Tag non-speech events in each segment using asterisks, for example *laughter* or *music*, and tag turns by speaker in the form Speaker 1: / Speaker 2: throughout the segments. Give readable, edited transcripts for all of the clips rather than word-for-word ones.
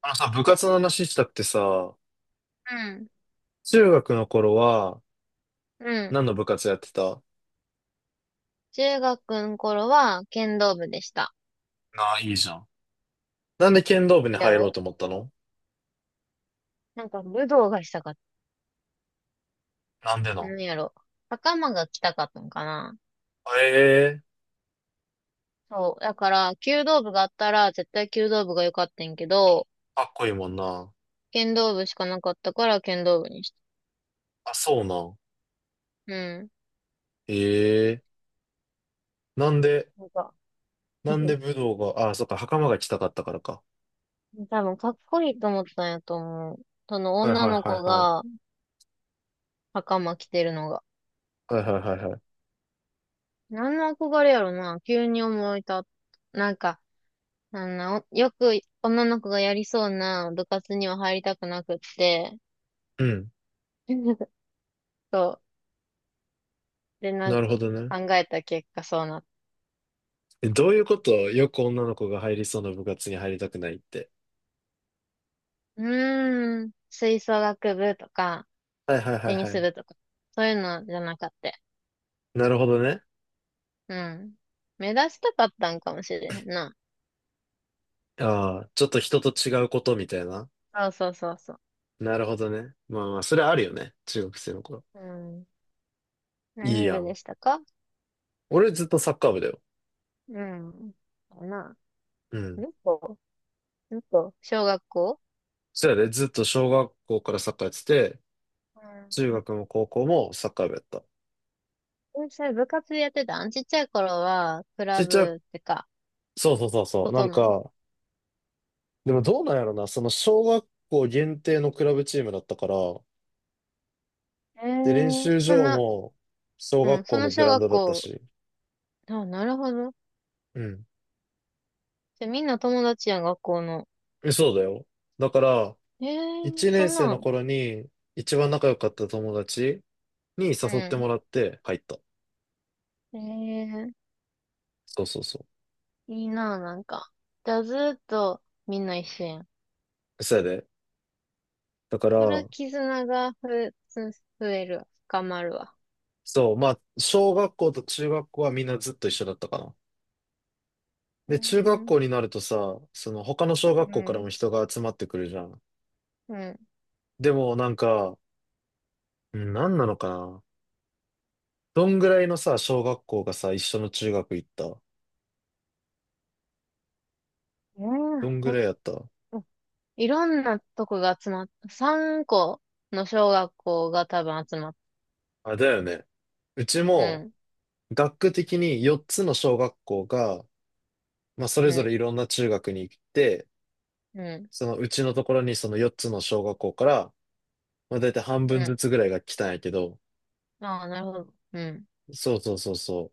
Speaker 1: あのさ、部活の話したってさ、
Speaker 2: うん。
Speaker 1: 中学の頃は
Speaker 2: うん。
Speaker 1: 何の部活やってた？
Speaker 2: 中学の頃は剣道部でした。
Speaker 1: なあ、いいじゃん。なんで剣道部に
Speaker 2: や
Speaker 1: 入ろう
Speaker 2: ろ、
Speaker 1: と思ったの？
Speaker 2: なんか武道がしたかっ
Speaker 1: なんでな
Speaker 2: た。
Speaker 1: ん？
Speaker 2: なんやろ、袴が着たかったのかな。
Speaker 1: ええー、
Speaker 2: そう。だから、弓道部があったら絶対弓道部が良かったんやけど、
Speaker 1: かっこいいもんな。
Speaker 2: 剣道部しかなかったから剣道部にした。
Speaker 1: あ、そうなん。
Speaker 2: うん。
Speaker 1: ええー、なんで、
Speaker 2: なんか、
Speaker 1: なん
Speaker 2: *laughs*
Speaker 1: で武道が、あ、そっか、袴が着たかったからか。
Speaker 2: 多分かっこいいと思ったんやと思う。その
Speaker 1: はい
Speaker 2: 女
Speaker 1: はい
Speaker 2: の
Speaker 1: は
Speaker 2: 子
Speaker 1: いはい。
Speaker 2: が袴着てるのが。
Speaker 1: はいはいはいはい。
Speaker 2: 何の憧れやろな、急に思い立った。なんか、よく女の子がやりそうな部活には入りたくなくって、
Speaker 1: うん。
Speaker 2: *laughs* そう。で、なん
Speaker 1: なるほ
Speaker 2: か
Speaker 1: どね。
Speaker 2: 考えた結果そうなっ
Speaker 1: え、どういうこと？よく女の子が入りそうな部活に入りたくないって。
Speaker 2: た。うーん、吹奏楽部とか、
Speaker 1: はいはいは
Speaker 2: テ
Speaker 1: い
Speaker 2: ニ
Speaker 1: は
Speaker 2: ス
Speaker 1: い。
Speaker 2: 部とか、そういうのじゃなかった。
Speaker 1: なるほどね。
Speaker 2: うん。目指したかったんかもしれへんな。
Speaker 1: ああ、ちょっと人と違うことみたいな。
Speaker 2: そうそうそうそ
Speaker 1: なるほどね。まあまあ、それあるよね。中学生の頃。
Speaker 2: う。うん。
Speaker 1: いい
Speaker 2: 何
Speaker 1: や
Speaker 2: 部
Speaker 1: ん。
Speaker 2: でしたか？
Speaker 1: 俺ずっとサッカー部だよ。
Speaker 2: うん。かな。
Speaker 1: うん。
Speaker 2: どこどこ小学校？
Speaker 1: そやで、ずっと小学校からサッカーやってて、中学も高校もサッカー部やった。
Speaker 2: うん。それ部活でやってたん？ちっちゃい頃は、ク
Speaker 1: ち
Speaker 2: ラ
Speaker 1: っちゃい、
Speaker 2: ブってか、
Speaker 1: そうそうそうそ
Speaker 2: こ
Speaker 1: う。な
Speaker 2: と
Speaker 1: ん
Speaker 2: の。
Speaker 1: か、でもどうなんやろな。その小学校限定のクラブチームだったから、
Speaker 2: え
Speaker 1: で、練
Speaker 2: ー、
Speaker 1: 習
Speaker 2: そ
Speaker 1: 場
Speaker 2: の、
Speaker 1: も小
Speaker 2: う
Speaker 1: 学
Speaker 2: ん、そ
Speaker 1: 校の
Speaker 2: の
Speaker 1: グ
Speaker 2: 小
Speaker 1: ラウン
Speaker 2: 学
Speaker 1: ドだった
Speaker 2: 校。
Speaker 1: し。
Speaker 2: あ、なるほど。
Speaker 1: うん。
Speaker 2: じゃ、みんな友達やん、学校の。
Speaker 1: え、そうだよ。だから、
Speaker 2: えー、
Speaker 1: 1
Speaker 2: そ
Speaker 1: 年
Speaker 2: ん
Speaker 1: 生
Speaker 2: な
Speaker 1: の
Speaker 2: ん。
Speaker 1: 頃に一番仲良かった友達に
Speaker 2: う
Speaker 1: 誘って
Speaker 2: ん。
Speaker 1: もらって入った。
Speaker 2: えー、
Speaker 1: そうそうそう。
Speaker 2: いいな、なんか。じゃあ、ずーっとみんな一緒やん。
Speaker 1: そうやで。だか
Speaker 2: そら、
Speaker 1: ら、
Speaker 2: 絆が増えるわ。深まるわ。
Speaker 1: そう、まあ、小学校と中学校はみんなずっと一緒だったかな。
Speaker 2: う
Speaker 1: で、中学
Speaker 2: ん、
Speaker 1: 校になるとさ、その他の小学
Speaker 2: う
Speaker 1: 校からも
Speaker 2: ん、
Speaker 1: 人が集まってくるじゃん。
Speaker 2: うん。
Speaker 1: でもなんか、うん、何なのかな。どんぐらいのさ、小学校がさ、一緒の中学行った？
Speaker 2: ー、
Speaker 1: どんぐ
Speaker 2: ほ、
Speaker 1: らいやった？
Speaker 2: いろんなとこが集まった。3個の小学校が多分集まっ
Speaker 1: あ、だよね。うち
Speaker 2: た。う
Speaker 1: も、
Speaker 2: ん、
Speaker 1: 学区的に4つの小学校が、まあ、それ
Speaker 2: う
Speaker 1: ぞれ
Speaker 2: ん、
Speaker 1: いろんな中学に行って、
Speaker 2: うん、
Speaker 1: そのうちのところにその4つの小学校から、まあ、だいたい半分
Speaker 2: う
Speaker 1: ずつぐらいが来たんやけど、
Speaker 2: ん。ああ、なるほど。うん。
Speaker 1: そうそうそうそう。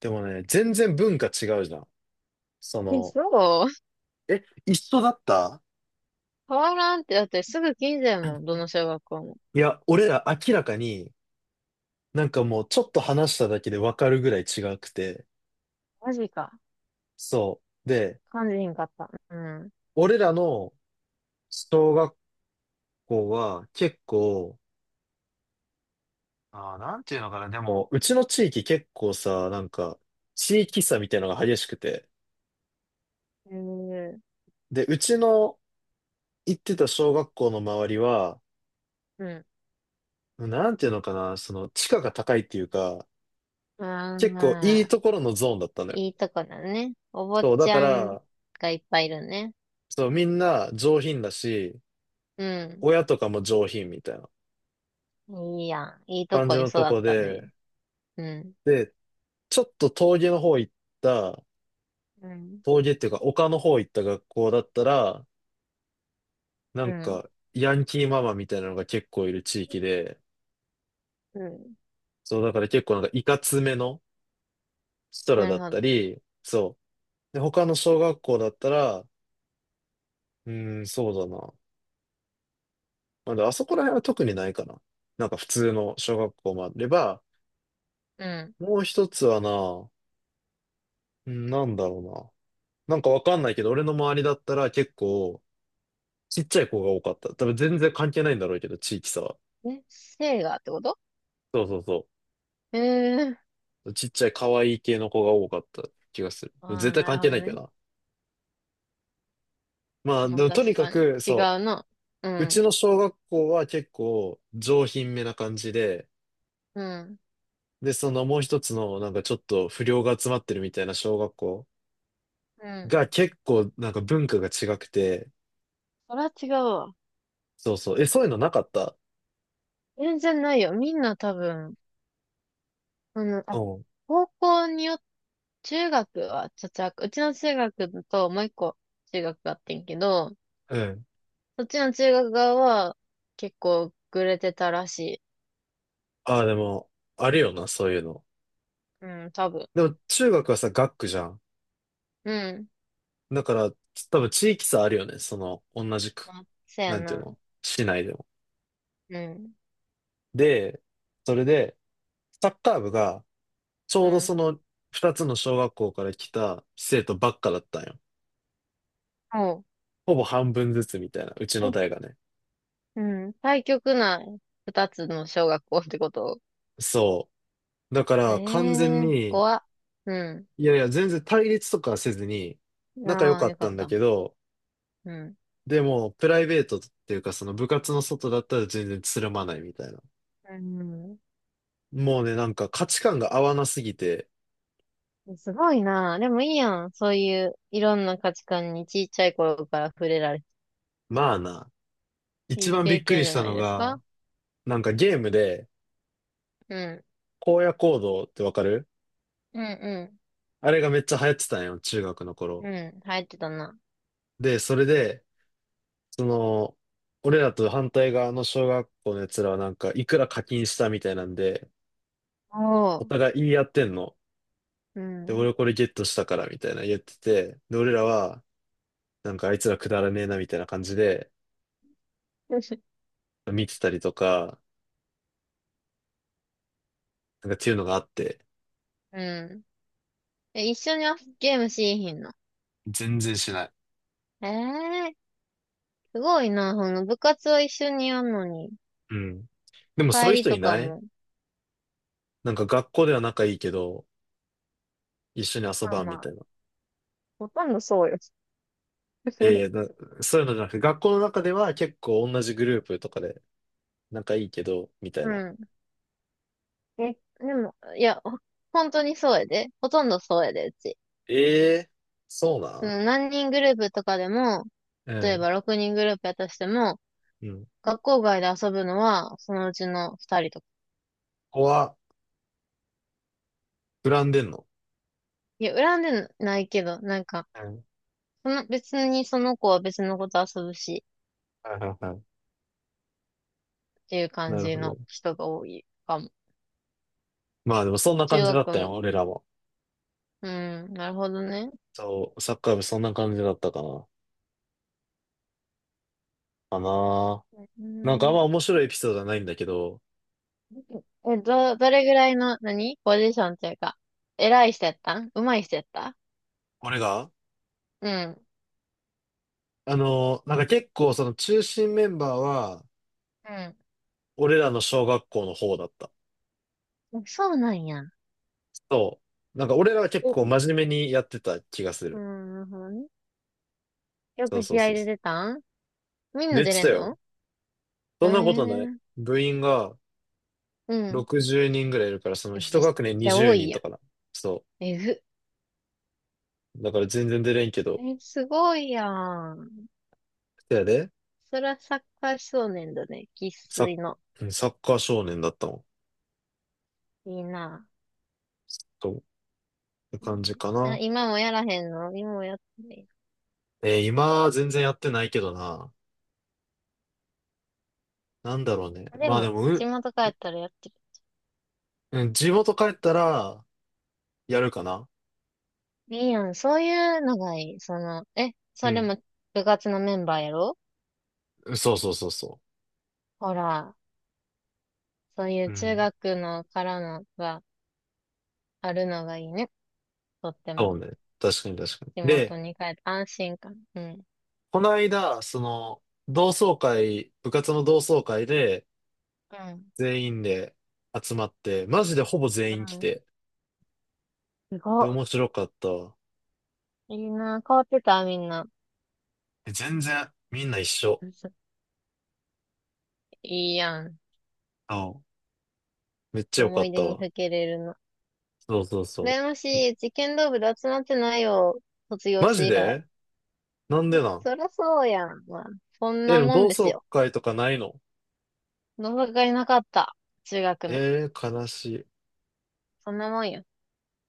Speaker 1: でもね、全然文化違うじゃん。そ
Speaker 2: え、
Speaker 1: の、
Speaker 2: そう、
Speaker 1: え、一緒だった？
Speaker 2: 変わらんって、だってすぐ近所やもん、どの小学校も。
Speaker 1: いや、俺ら明らかに、なんかもうちょっと話しただけでわかるぐらい違くて。
Speaker 2: マジか。
Speaker 1: そう。で、
Speaker 2: 感じひんかった？うん。
Speaker 1: 俺らの小学校は結構、ああ、なんていうのかな、でも、うちの地域結構さ、なんか、地域差みたいなのが激しくて。
Speaker 2: へえ。
Speaker 1: で、うちの行ってた小学校の周りは、
Speaker 2: うん。
Speaker 1: なんていうのかな、その、地価が高いっていうか、
Speaker 2: まあ
Speaker 1: 結構い
Speaker 2: ま
Speaker 1: い
Speaker 2: あ、
Speaker 1: ところのゾーンだったのよ。
Speaker 2: いいとこだね。お坊
Speaker 1: そう、だ
Speaker 2: ち
Speaker 1: か
Speaker 2: ゃん
Speaker 1: ら、
Speaker 2: がいっぱいいるね。
Speaker 1: そう、みんな上品だし、
Speaker 2: うん。
Speaker 1: 親とかも上品みたいな
Speaker 2: いいやん。いいと
Speaker 1: 感じ
Speaker 2: こに
Speaker 1: のと
Speaker 2: 育っ
Speaker 1: こ
Speaker 2: た
Speaker 1: で、
Speaker 2: ね。うん。
Speaker 1: で、ちょっと峠の方行った、
Speaker 2: うん。
Speaker 1: 峠っていうか丘の方行った学校だったら、な
Speaker 2: う
Speaker 1: ん
Speaker 2: ん。
Speaker 1: か、ヤンキーママみたいなのが結構いる地域で、
Speaker 2: うん。
Speaker 1: そう、だから結構なんかいかつめの人ら
Speaker 2: な
Speaker 1: だ
Speaker 2: る
Speaker 1: っ
Speaker 2: ほ
Speaker 1: た
Speaker 2: ど。
Speaker 1: り、そう。で、他の小学校だったら、うーん、そうだな。まあ、であそこら辺は特にないかな。なんか普通の小学校もあれば、
Speaker 2: うん。
Speaker 1: もう一つはな、うん、なんだろうな。なんかわかんないけど、俺の周りだったら結構、ちっちゃい子が多かった。多分全然関係ないんだろうけど、地域差は。
Speaker 2: え、性がってこと？
Speaker 1: そうそうそ
Speaker 2: へえ。
Speaker 1: う。ちっちゃい可愛い系の子が多かった気がする。
Speaker 2: ああ
Speaker 1: 絶
Speaker 2: ー、
Speaker 1: 対
Speaker 2: なる
Speaker 1: 関
Speaker 2: ほ
Speaker 1: 係
Speaker 2: ど
Speaker 1: ないけ
Speaker 2: ね。
Speaker 1: どな。まあ、
Speaker 2: ま
Speaker 1: で
Speaker 2: あ
Speaker 1: もとに
Speaker 2: 確
Speaker 1: か
Speaker 2: かに。
Speaker 1: く、
Speaker 2: 違う
Speaker 1: そ
Speaker 2: な。う
Speaker 1: う。うち
Speaker 2: ん。
Speaker 1: の小学校は結構上品めな感じで、
Speaker 2: うん。
Speaker 1: で、そのもう一つのなんかちょっと不良が集まってるみたいな小学校
Speaker 2: うん。
Speaker 1: が結構なんか文化が違くて、
Speaker 2: それは違うわ。
Speaker 1: そうそう。え、そういうのなかった？
Speaker 2: 全然ないよ。みんな多分、あの、
Speaker 1: う
Speaker 2: あ、
Speaker 1: ん。
Speaker 2: 高校によって、中学は茶々学、うちの中学ともう一個中学があってんけど、
Speaker 1: うん、
Speaker 2: そっちの中学側は結構グレてたらしい。
Speaker 1: ああ、でも、あるよな、そういうの。
Speaker 2: うん、多分。
Speaker 1: でも、中学はさ、学区じゃん。
Speaker 2: うん。
Speaker 1: だから、つ多分地域差あるよね、その、同じく、
Speaker 2: まあ、せや
Speaker 1: なんていう
Speaker 2: な。
Speaker 1: の、市内でも。
Speaker 2: うん。
Speaker 1: で、それで、サッカー部が、ち
Speaker 2: う
Speaker 1: ょうど
Speaker 2: ん。
Speaker 1: その、二つの小学校から来た生徒ばっかだったんよ。
Speaker 2: も
Speaker 1: ほぼ半分ずつみたいな、うち
Speaker 2: う、
Speaker 1: の
Speaker 2: え、
Speaker 1: 代がね。
Speaker 2: うん。対極な二つの小学校ってこと？
Speaker 1: そう。だか
Speaker 2: え
Speaker 1: ら、完全
Speaker 2: えー、
Speaker 1: に、
Speaker 2: 怖っ。う
Speaker 1: いやいや、全然対立とかはせずに、
Speaker 2: ん。
Speaker 1: 仲良
Speaker 2: ああ、
Speaker 1: かっ
Speaker 2: よか
Speaker 1: た
Speaker 2: っ
Speaker 1: んだ
Speaker 2: た。
Speaker 1: けど、
Speaker 2: うん。
Speaker 1: でも、プライベートっていうか、その部活の外だったら全然つるまないみたいな。
Speaker 2: うん。
Speaker 1: もうね、なんか価値観が合わなすぎて、
Speaker 2: すごいな。でもいいやん。そういう、いろんな価値観にちっちゃい頃から触れられて。
Speaker 1: まあな。一
Speaker 2: いい
Speaker 1: 番び
Speaker 2: 経
Speaker 1: っく
Speaker 2: 験
Speaker 1: り
Speaker 2: じ
Speaker 1: し
Speaker 2: ゃ
Speaker 1: た
Speaker 2: ない
Speaker 1: の
Speaker 2: です
Speaker 1: が、
Speaker 2: か？
Speaker 1: なんかゲームで、
Speaker 2: うん。
Speaker 1: 荒野行動ってわかる？
Speaker 2: うん
Speaker 1: あれがめっちゃ流行ってたんよ、中学の
Speaker 2: う
Speaker 1: 頃。
Speaker 2: ん。うん。入ってたな。
Speaker 1: で、それで、その、俺らと反対側の小学校のやつらはなんか、いくら課金したみたいなんで、
Speaker 2: お
Speaker 1: お
Speaker 2: ー。
Speaker 1: 互い言い合ってんの。
Speaker 2: う
Speaker 1: で、
Speaker 2: ん。
Speaker 1: 俺これゲットしたからみたいな言ってて、で、俺らは、なんかあいつらくだらねえなみたいな感じで、
Speaker 2: *laughs*
Speaker 1: 見てたりとか、なんかっていうのがあって。
Speaker 2: うん。え、一緒にゲームしーひんの？
Speaker 1: 全然しない。
Speaker 2: ええー、すごいな。その部活は一緒にやんのに、
Speaker 1: うん。でもそう
Speaker 2: 帰
Speaker 1: いう
Speaker 2: り
Speaker 1: 人い
Speaker 2: とか
Speaker 1: ない？
Speaker 2: も。
Speaker 1: なんか学校では仲いいけど、一緒に遊
Speaker 2: まあ
Speaker 1: ばん
Speaker 2: ま
Speaker 1: みた
Speaker 2: あ、
Speaker 1: いな。
Speaker 2: ほとんどそうよ。
Speaker 1: ええな、そういうのじゃなくて、学校の中では結構同じグループとかで仲いいけど、みたい
Speaker 2: う
Speaker 1: な。
Speaker 2: ん。え、でも、いや、本当にそうやで。ほとんどそうやで、うち。
Speaker 1: ええ、そうな
Speaker 2: そ
Speaker 1: ん？
Speaker 2: の何人グループとかでも、
Speaker 1: う
Speaker 2: 例え
Speaker 1: ん。
Speaker 2: ば6人グループやったとしても、
Speaker 1: うん。
Speaker 2: 学校外で遊ぶのはそのうちの2人とか。
Speaker 1: ここは、膨らんでんの？
Speaker 2: いや、恨んでないけど、なんか、
Speaker 1: うん。
Speaker 2: その別にその子は別の子と遊ぶし、
Speaker 1: はいはいはい。
Speaker 2: っていう感
Speaker 1: なる
Speaker 2: じ
Speaker 1: ほど。
Speaker 2: の人が多いかも。
Speaker 1: まあでもそんな
Speaker 2: 中
Speaker 1: 感じだっ
Speaker 2: 学
Speaker 1: たよ、
Speaker 2: も。
Speaker 1: 俺らも。
Speaker 2: うん、なるほどね。
Speaker 1: そう、サッカー部そんな感じだったかな。かな。
Speaker 2: う
Speaker 1: なんかあん
Speaker 2: ん。
Speaker 1: ま面白いエピソードはないんだけど、
Speaker 2: え、どれぐらいの、何ポジションというか、偉い人やったん？上手い人やった？
Speaker 1: 俺が
Speaker 2: うん。
Speaker 1: あの、なんか結構その中心メンバーは、俺らの小学校の方だった。
Speaker 2: うん。そうなんや。
Speaker 1: そう。なんか俺らは結構
Speaker 2: え、
Speaker 1: 真面目にやってた気がす
Speaker 2: う
Speaker 1: る。
Speaker 2: ん、なるほどね。よ
Speaker 1: そう
Speaker 2: く
Speaker 1: そう
Speaker 2: 試
Speaker 1: そ
Speaker 2: 合
Speaker 1: う
Speaker 2: で
Speaker 1: そ
Speaker 2: 出たん？みん
Speaker 1: う。で、
Speaker 2: な
Speaker 1: 言っ
Speaker 2: 出
Speaker 1: て
Speaker 2: れ
Speaker 1: た
Speaker 2: ん
Speaker 1: よ。
Speaker 2: の？え
Speaker 1: そんなことない。
Speaker 2: ー、
Speaker 1: 部員が
Speaker 2: うん。
Speaker 1: 60人ぐらいいるから、その
Speaker 2: え、め
Speaker 1: 一
Speaker 2: っ
Speaker 1: 学年
Speaker 2: ちゃ
Speaker 1: 20
Speaker 2: 多い
Speaker 1: 人と
Speaker 2: や
Speaker 1: かな。そ
Speaker 2: ん。えぐ。
Speaker 1: う。だから全然出れんけど。
Speaker 2: え、すごいやん。
Speaker 1: そやで、
Speaker 2: そらサッカー少年だね。生
Speaker 1: サッ、
Speaker 2: 粋の。
Speaker 1: うんサッカー少年だったもん。
Speaker 2: いいな。
Speaker 1: そう。って
Speaker 2: いいね。
Speaker 1: 感じか
Speaker 2: あ、
Speaker 1: な。
Speaker 2: 今もやらへんの？今もやってない？
Speaker 1: 今は全然やってないけどな。なんだろうね。
Speaker 2: あ、で
Speaker 1: まあで
Speaker 2: も、
Speaker 1: も、う
Speaker 2: 地
Speaker 1: ん、
Speaker 2: 元帰ったらやってる。
Speaker 1: うん、地元帰ったら、やるかな。
Speaker 2: いいやん。そういうのがいい。その、え、
Speaker 1: う
Speaker 2: それ
Speaker 1: ん。
Speaker 2: も部活のメンバーやろ？
Speaker 1: そうそうそうそ
Speaker 2: ほら、そうい
Speaker 1: う。
Speaker 2: う
Speaker 1: う
Speaker 2: 中
Speaker 1: ん。
Speaker 2: 学のからのがあるのがいいね。とって
Speaker 1: そ
Speaker 2: も。
Speaker 1: うね。確かに確かに。
Speaker 2: 地元
Speaker 1: で、
Speaker 2: に帰って安心感。うん。
Speaker 1: この間、その、同窓会、部活の同窓会で、
Speaker 2: う
Speaker 1: 全員で集まって、マジでほぼ全員来
Speaker 2: ん。
Speaker 1: て、
Speaker 2: す
Speaker 1: で、
Speaker 2: ご
Speaker 1: 面白かったわ。
Speaker 2: い。いいな。変わってた、みんな？
Speaker 1: え、全然、みんな一緒。
Speaker 2: いいやん。
Speaker 1: あ、めっちゃよか
Speaker 2: 思
Speaker 1: っ
Speaker 2: い
Speaker 1: た
Speaker 2: 出に
Speaker 1: わ。
Speaker 2: ふけれるの。
Speaker 1: そうそうそう。
Speaker 2: 羨ましい。うち剣道部で集まってないよ。卒業
Speaker 1: マ
Speaker 2: し
Speaker 1: ジ
Speaker 2: て以来。
Speaker 1: で？なんでなん？
Speaker 2: そりゃそうやん。まあ、そん
Speaker 1: え、で
Speaker 2: な
Speaker 1: も
Speaker 2: も
Speaker 1: 同
Speaker 2: んです
Speaker 1: 窓
Speaker 2: よ。
Speaker 1: 会とかないの？
Speaker 2: 同窓会なかった。中学の。
Speaker 1: えー、悲しい。
Speaker 2: そんなもんよ。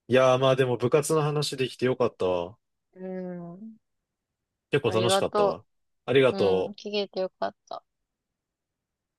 Speaker 1: いやー、まあでも部活の話できてよかったわ。
Speaker 2: うん。
Speaker 1: 結構
Speaker 2: あり
Speaker 1: 楽し
Speaker 2: が
Speaker 1: かった
Speaker 2: と
Speaker 1: わ。ありが
Speaker 2: う。うん。
Speaker 1: と
Speaker 2: 聞
Speaker 1: う。
Speaker 2: けてよかった。